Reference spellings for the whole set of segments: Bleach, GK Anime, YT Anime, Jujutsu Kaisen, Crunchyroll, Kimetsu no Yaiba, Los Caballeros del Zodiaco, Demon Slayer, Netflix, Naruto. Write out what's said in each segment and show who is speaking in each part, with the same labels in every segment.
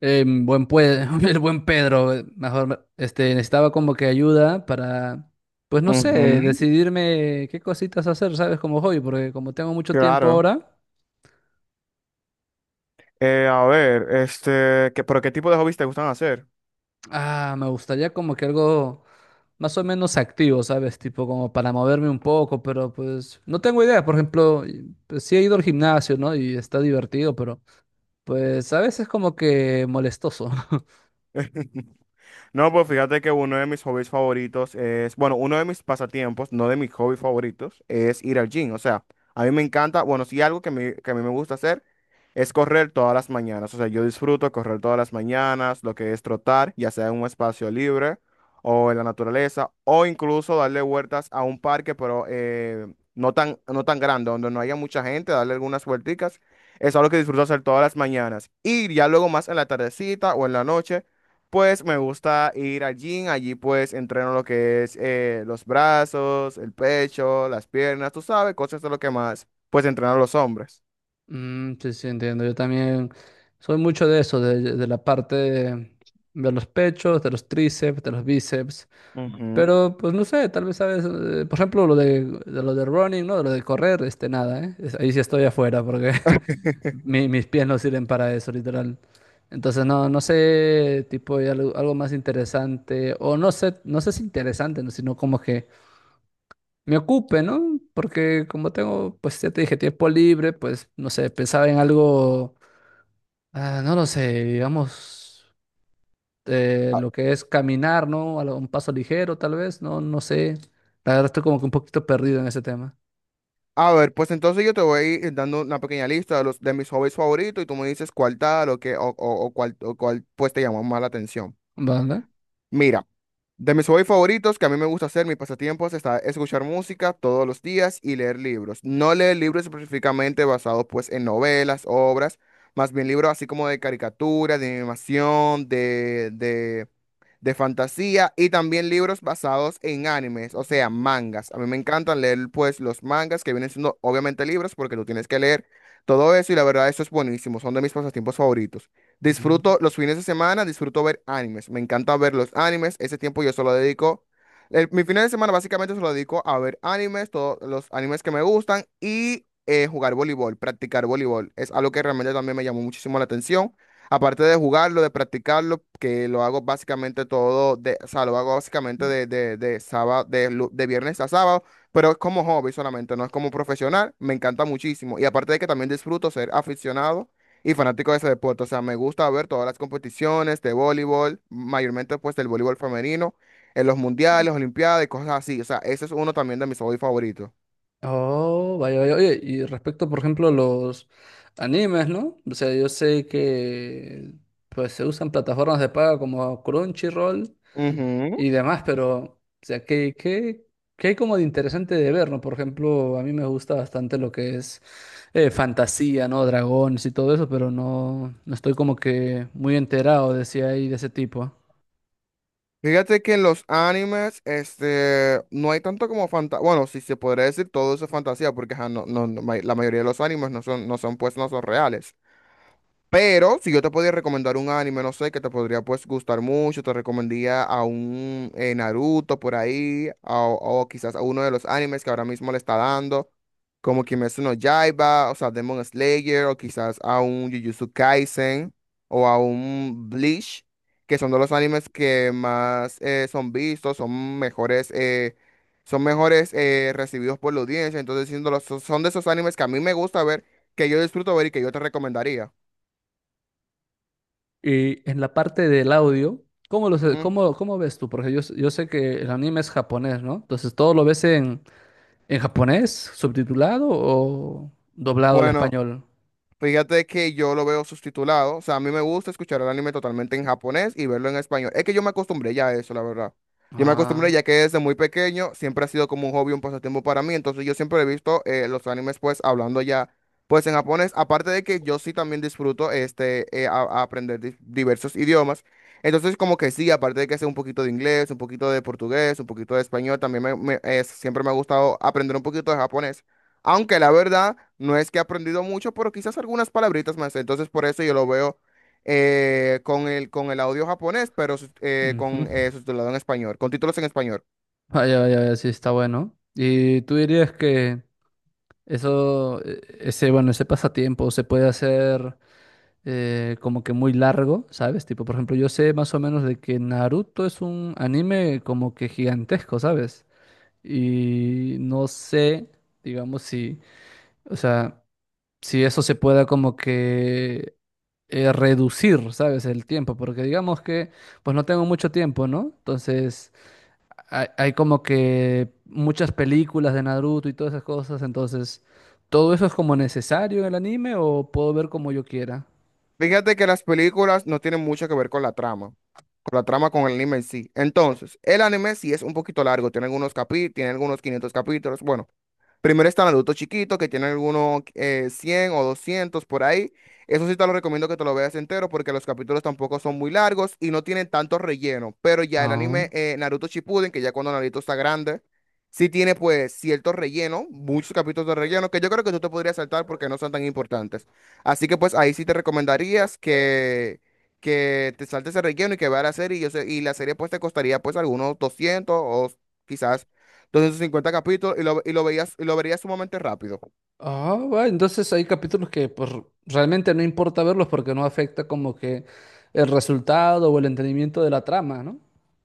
Speaker 1: El buen Pedro, mejor, necesitaba como que ayuda para, pues no
Speaker 2: Ujú.
Speaker 1: sé, decidirme qué cositas hacer, ¿sabes? Como hobby, porque como tengo mucho tiempo
Speaker 2: Claro.
Speaker 1: ahora,
Speaker 2: A ver, ¿pero qué tipo de hobbies te gustan hacer?
Speaker 1: me gustaría como que algo más o menos activo, ¿sabes? Tipo como para moverme un poco, pero pues no tengo idea. Por ejemplo, pues, sí he ido al gimnasio, ¿no? Y está divertido, pero pues a veces como que molestoso.
Speaker 2: No, pues fíjate que uno de mis hobbies favoritos es, bueno, uno de mis pasatiempos, no de mis hobbies favoritos, es ir al gym. O sea, a mí me encanta, bueno, sí algo que, que a mí me gusta hacer es correr todas las mañanas. O sea, yo disfruto correr todas las mañanas, lo que es trotar, ya sea en un espacio libre o en la naturaleza, o incluso darle vueltas a un parque, pero no tan grande, donde no haya mucha gente, darle algunas vuelticas. Es algo que disfruto hacer todas las mañanas. Y ya luego más en la tardecita o en la noche. Pues me gusta ir al gym, allí pues entreno lo que es los brazos, el pecho, las piernas, tú sabes, cosas de lo que más pues entrenan los hombres.
Speaker 1: Mm, sí, sí, entiendo. Yo también soy mucho de eso, de la parte de los pechos, de los tríceps, de los bíceps.
Speaker 2: Ujú.
Speaker 1: Pero, pues no sé, tal vez sabes, por ejemplo, de lo de running, ¿no? De lo de correr, este, nada, ¿eh? Ahí sí estoy afuera porque mis pies no sirven para eso, literal. Entonces, no, no sé, tipo, hay algo, algo más interesante, o no sé, no sé si interesante, ¿no? Sino como que me ocupe, ¿no? Porque como tengo, pues ya te dije, tiempo libre, pues no sé, pensaba en algo, no lo sé, digamos, lo que es caminar, ¿no? A un paso ligero, tal vez, no, no sé. La verdad estoy como que un poquito perdido en ese tema.
Speaker 2: A ver, pues entonces yo te voy a ir dando una pequeña lista de los de mis hobbies favoritos y tú me dices cuál tal o qué o cuál pues te llamó más la atención.
Speaker 1: ¿Verdad?
Speaker 2: Mira. De mis hobbies favoritos que a mí me gusta hacer, mis pasatiempos, está escuchar música todos los días y leer libros. No leer libros específicamente basados pues en novelas, obras, más bien libros así como de caricatura, de animación, de fantasía y también libros basados en animes, o sea, mangas. A mí me encantan leer pues los mangas que vienen siendo obviamente libros porque tú tienes que leer todo eso y la verdad eso es buenísimo, son de mis pasatiempos favoritos. Disfruto los fines de semana, disfruto ver animes, me encanta ver los animes, ese tiempo yo solo dedico, mi fin de semana básicamente se lo dedico a ver animes, todos los animes que me gustan y... jugar voleibol, practicar voleibol, es algo que realmente también me llamó muchísimo la atención. Aparte de jugarlo, de practicarlo, que lo hago básicamente todo, de, o sea, lo hago básicamente
Speaker 1: Ujú.
Speaker 2: de sábado, de viernes a sábado, pero es como hobby solamente, no es como profesional, me encanta muchísimo. Y aparte de que también disfruto ser aficionado y fanático de ese deporte, o sea, me gusta ver todas las competiciones de voleibol, mayormente pues del voleibol femenino, en los mundiales, olimpiadas y cosas así, o sea, ese es uno también de mis hobbies favoritos.
Speaker 1: Oh, vaya, vaya. Oye, y respecto, por ejemplo, a los animes, ¿no? O sea, yo sé que pues se usan plataformas de paga como Crunchyroll
Speaker 2: Ujú.
Speaker 1: y demás, pero, o sea, ¿qué, qué, qué hay como de interesante de ver, ¿no? Por ejemplo, a mí me gusta bastante lo que es fantasía, ¿no? Dragones y todo eso, pero no, no estoy como que muy enterado de si hay de ese tipo.
Speaker 2: Fíjate que en los animes, no hay tanto como fantasía. Bueno, si se podría decir todo eso es fantasía, porque ajá, no, la mayoría de los animes no son reales. Pero si yo te podía recomendar un anime, no sé, que te podría pues gustar mucho, te recomendaría a un Naruto por ahí, o quizás a uno de los animes que ahora mismo le está dando, como Kimetsu no Yaiba, o sea, Demon Slayer, o quizás a un Jujutsu Kaisen, o a un Bleach, que son de los animes que más son vistos, son mejores recibidos por la audiencia, entonces siendo son de esos animes que a mí me gusta ver, que yo disfruto ver y que yo te recomendaría.
Speaker 1: Y en la parte del audio, ¿cómo,
Speaker 2: ¿Mm?
Speaker 1: cómo, cómo ves tú? Porque yo, yo sé que el anime es japonés, ¿no? Entonces, ¿todo lo ves en japonés, subtitulado o doblado al
Speaker 2: Bueno,
Speaker 1: español?
Speaker 2: fíjate que yo lo veo subtitulado. O sea, a mí me gusta escuchar el anime totalmente en japonés y verlo en español. Es que yo me acostumbré ya a eso, la verdad. Yo me acostumbré
Speaker 1: Ah,
Speaker 2: ya que desde muy pequeño siempre ha sido como un hobby, un pasatiempo para mí. Entonces yo siempre he visto los animes pues hablando ya pues en japonés. Aparte de que yo sí también disfruto este a aprender diversos idiomas. Entonces como que sí, aparte de que sé un poquito de inglés, un poquito de portugués, un poquito de español, también siempre me ha gustado aprender un poquito de japonés. Aunque la verdad no es que he aprendido mucho, pero quizás algunas palabritas más. Entonces por eso yo lo veo con el audio japonés, pero con
Speaker 1: ujú.
Speaker 2: subtitulado en español, con títulos en español.
Speaker 1: Vaya, vaya, vaya, sí, está bueno. ¿Y tú dirías que eso, ese, bueno, ese pasatiempo se puede hacer como que muy largo, ¿sabes? Tipo, por ejemplo, yo sé más o menos de que Naruto es un anime como que gigantesco, ¿sabes? Y no sé, digamos, si, o sea, si eso se pueda como que reducir, ¿sabes? El tiempo, porque digamos que, pues no tengo mucho tiempo, ¿no? Entonces hay como que muchas películas de Naruto y todas esas cosas, entonces, ¿todo eso es como necesario en el anime o puedo ver como yo quiera?
Speaker 2: Fíjate que las películas no tienen mucho que ver con la trama, con la trama con el anime en sí. Entonces, el anime sí es un poquito largo, tiene algunos 500 capítulos. Bueno. Primero están los adultos chiquitos que tienen algunos 100 o 200 por ahí. Eso sí te lo recomiendo que te lo veas entero porque los capítulos tampoco son muy largos y no tienen tanto relleno. Pero ya el
Speaker 1: Ah,
Speaker 2: anime Naruto Shippuden, que ya cuando Naruto está grande, sí tiene pues cierto relleno, muchos capítulos de relleno que yo creo que tú te podrías saltar porque no son tan importantes. Así que pues ahí sí te recomendarías que te saltes el relleno y que veas la serie. Y la serie pues te costaría pues algunos 200 o quizás 250 capítulos y lo veías, y lo verías sumamente rápido.
Speaker 1: ah, bueno, entonces hay capítulos que pues realmente no importa verlos porque no afecta como que el resultado o el entendimiento de la trama, ¿no?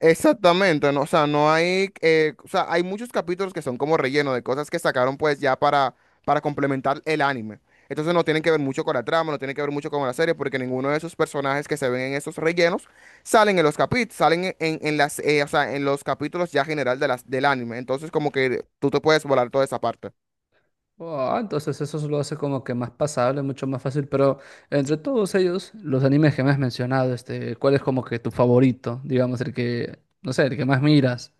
Speaker 2: Exactamente, ¿no? O sea, no hay, o sea, hay muchos capítulos que son como relleno de cosas que sacaron pues ya para complementar el anime. Entonces no tienen que ver mucho con la trama, no tienen que ver mucho con la serie, porque ninguno de esos personajes que se ven en esos rellenos salen en los capítulos, en las, o sea, en los capítulos ya general de las, del anime. Entonces como que tú te puedes volar toda esa parte.
Speaker 1: Ah, entonces eso lo hace como que más pasable, mucho más fácil, pero entre todos ellos, los animes que me has mencionado, este, ¿cuál es como que tu favorito? Digamos, el que, no sé, el que más miras.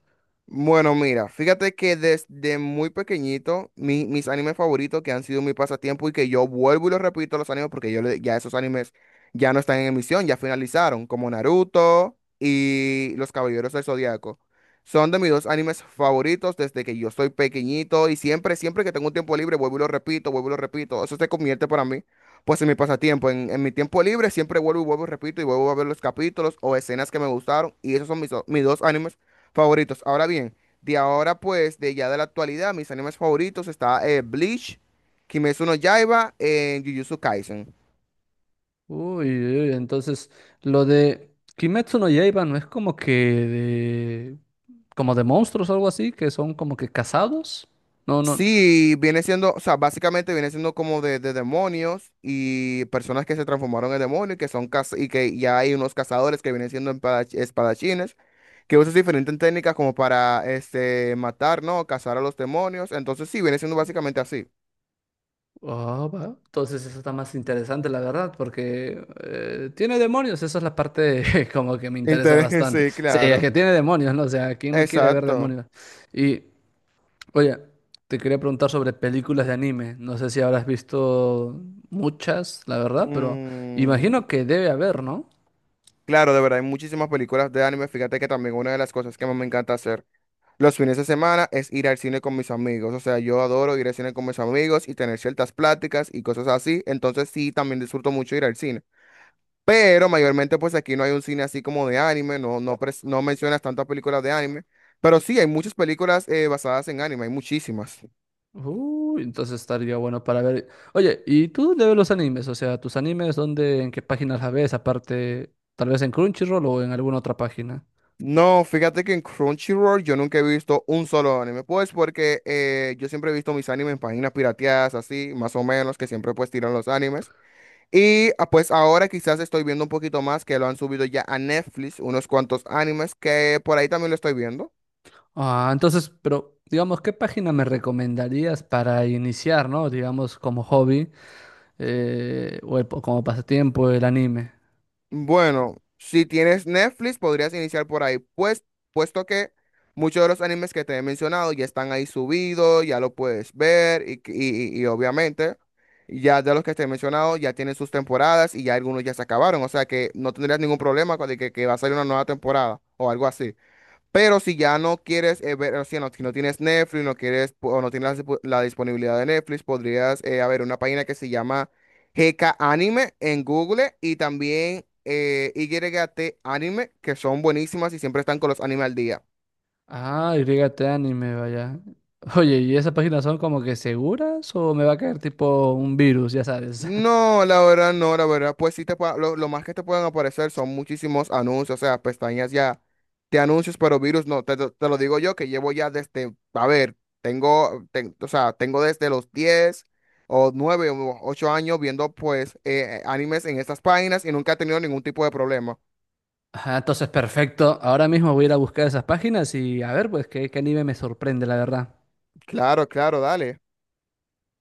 Speaker 2: Bueno, mira, fíjate que desde muy pequeñito, mis animes favoritos que han sido mi pasatiempo y que yo vuelvo y los repito los animes porque ya esos animes ya no están en emisión, ya finalizaron, como Naruto y Los Caballeros del Zodiaco. Son de mis dos animes favoritos desde que yo soy pequeñito y siempre, siempre que tengo un tiempo libre, vuelvo y lo repito, vuelvo y lo repito. Eso se convierte para mí, pues en mi pasatiempo. En mi tiempo libre siempre vuelvo y vuelvo y repito y vuelvo a ver los capítulos o escenas que me gustaron y esos son mis, mis dos animes favoritos. Ahora bien, de ahora pues, de ya de la actualidad, mis animes favoritos está Bleach, Kimetsu no Yaiba, Jujutsu Kaisen.
Speaker 1: Uy, uy, entonces lo de Kimetsu no Yaiba no es como que de, como de monstruos o algo así, que son como que casados. No, no.
Speaker 2: Sí, viene siendo, o sea, básicamente viene siendo como de demonios y personas que se transformaron en demonios y que son y que ya hay unos cazadores que vienen siendo espadachines que usan diferentes técnicas como para este matar, ¿no? Cazar a los demonios. Entonces sí, viene siendo básicamente así.
Speaker 1: Ah, va. Entonces eso está más interesante, la verdad, porque tiene demonios. Esa es la parte como que me interesa
Speaker 2: Interés,
Speaker 1: bastante.
Speaker 2: sí,
Speaker 1: Sí, es
Speaker 2: claro.
Speaker 1: que tiene demonios, ¿no? O sea, ¿quién no quiere ver
Speaker 2: Exacto.
Speaker 1: demonios? Y, oye, te quería preguntar sobre películas de anime. No sé si habrás visto muchas, la verdad, pero
Speaker 2: Mm.
Speaker 1: imagino que debe haber, ¿no?
Speaker 2: Claro, de verdad, hay muchísimas películas de anime. Fíjate que también una de las cosas que más me encanta hacer los fines de semana es ir al cine con mis amigos. O sea, yo adoro ir al cine con mis amigos y tener ciertas pláticas y cosas así. Entonces sí, también disfruto mucho ir al cine. Pero mayormente pues aquí no hay un cine así como de anime, no mencionas tantas películas de anime. Pero sí, hay muchas películas basadas en anime, hay muchísimas.
Speaker 1: Uy, entonces estaría bueno para ver. Oye, ¿y tú de ver los animes? O sea, ¿tus animes dónde, en qué páginas las ves? Aparte, tal vez en Crunchyroll o en alguna otra página.
Speaker 2: No, fíjate que en Crunchyroll yo nunca he visto un solo anime, pues porque yo siempre he visto mis animes en páginas pirateadas, así, más o menos, que siempre pues tiran los animes. Y ah, pues ahora quizás estoy viendo un poquito más que lo han subido ya a Netflix, unos cuantos animes que por ahí también lo estoy viendo.
Speaker 1: Ah, entonces, pero digamos, ¿qué página me recomendarías para iniciar, ¿no? Digamos, como hobby o como pasatiempo el anime.
Speaker 2: Bueno, si tienes Netflix, podrías iniciar por ahí, pues, puesto que muchos de los animes que te he mencionado ya están ahí subidos, ya lo puedes ver y obviamente ya de los que te he mencionado ya tienen sus temporadas y ya algunos ya se acabaron, o sea que no tendrías ningún problema con de que va a salir una nueva temporada o algo así. Pero si ya no quieres ver, o sea, no- si no tienes Netflix, o no tienes la, la disponibilidad de Netflix, podrías haber una página que se llama GK Anime en Google y también YT Anime, que son buenísimas y siempre están con los animes al día.
Speaker 1: Ah, YT Anime, vaya. Oye, ¿y esas páginas son como que seguras o me va a caer tipo un virus, ya sabes?
Speaker 2: No, la verdad, no, la verdad, pues sí lo más que te pueden aparecer son muchísimos anuncios, o sea, pestañas ya de anuncios, pero virus no, te lo digo yo que llevo ya desde, a ver, o sea, tengo desde los 10 o 9 o 8 años viendo pues animes en estas páginas y nunca he tenido ningún tipo de problema.
Speaker 1: Ajá, entonces perfecto. Ahora mismo voy a ir a buscar esas páginas y a ver, pues, qué, qué anime me sorprende, la verdad.
Speaker 2: Claro, claro, dale.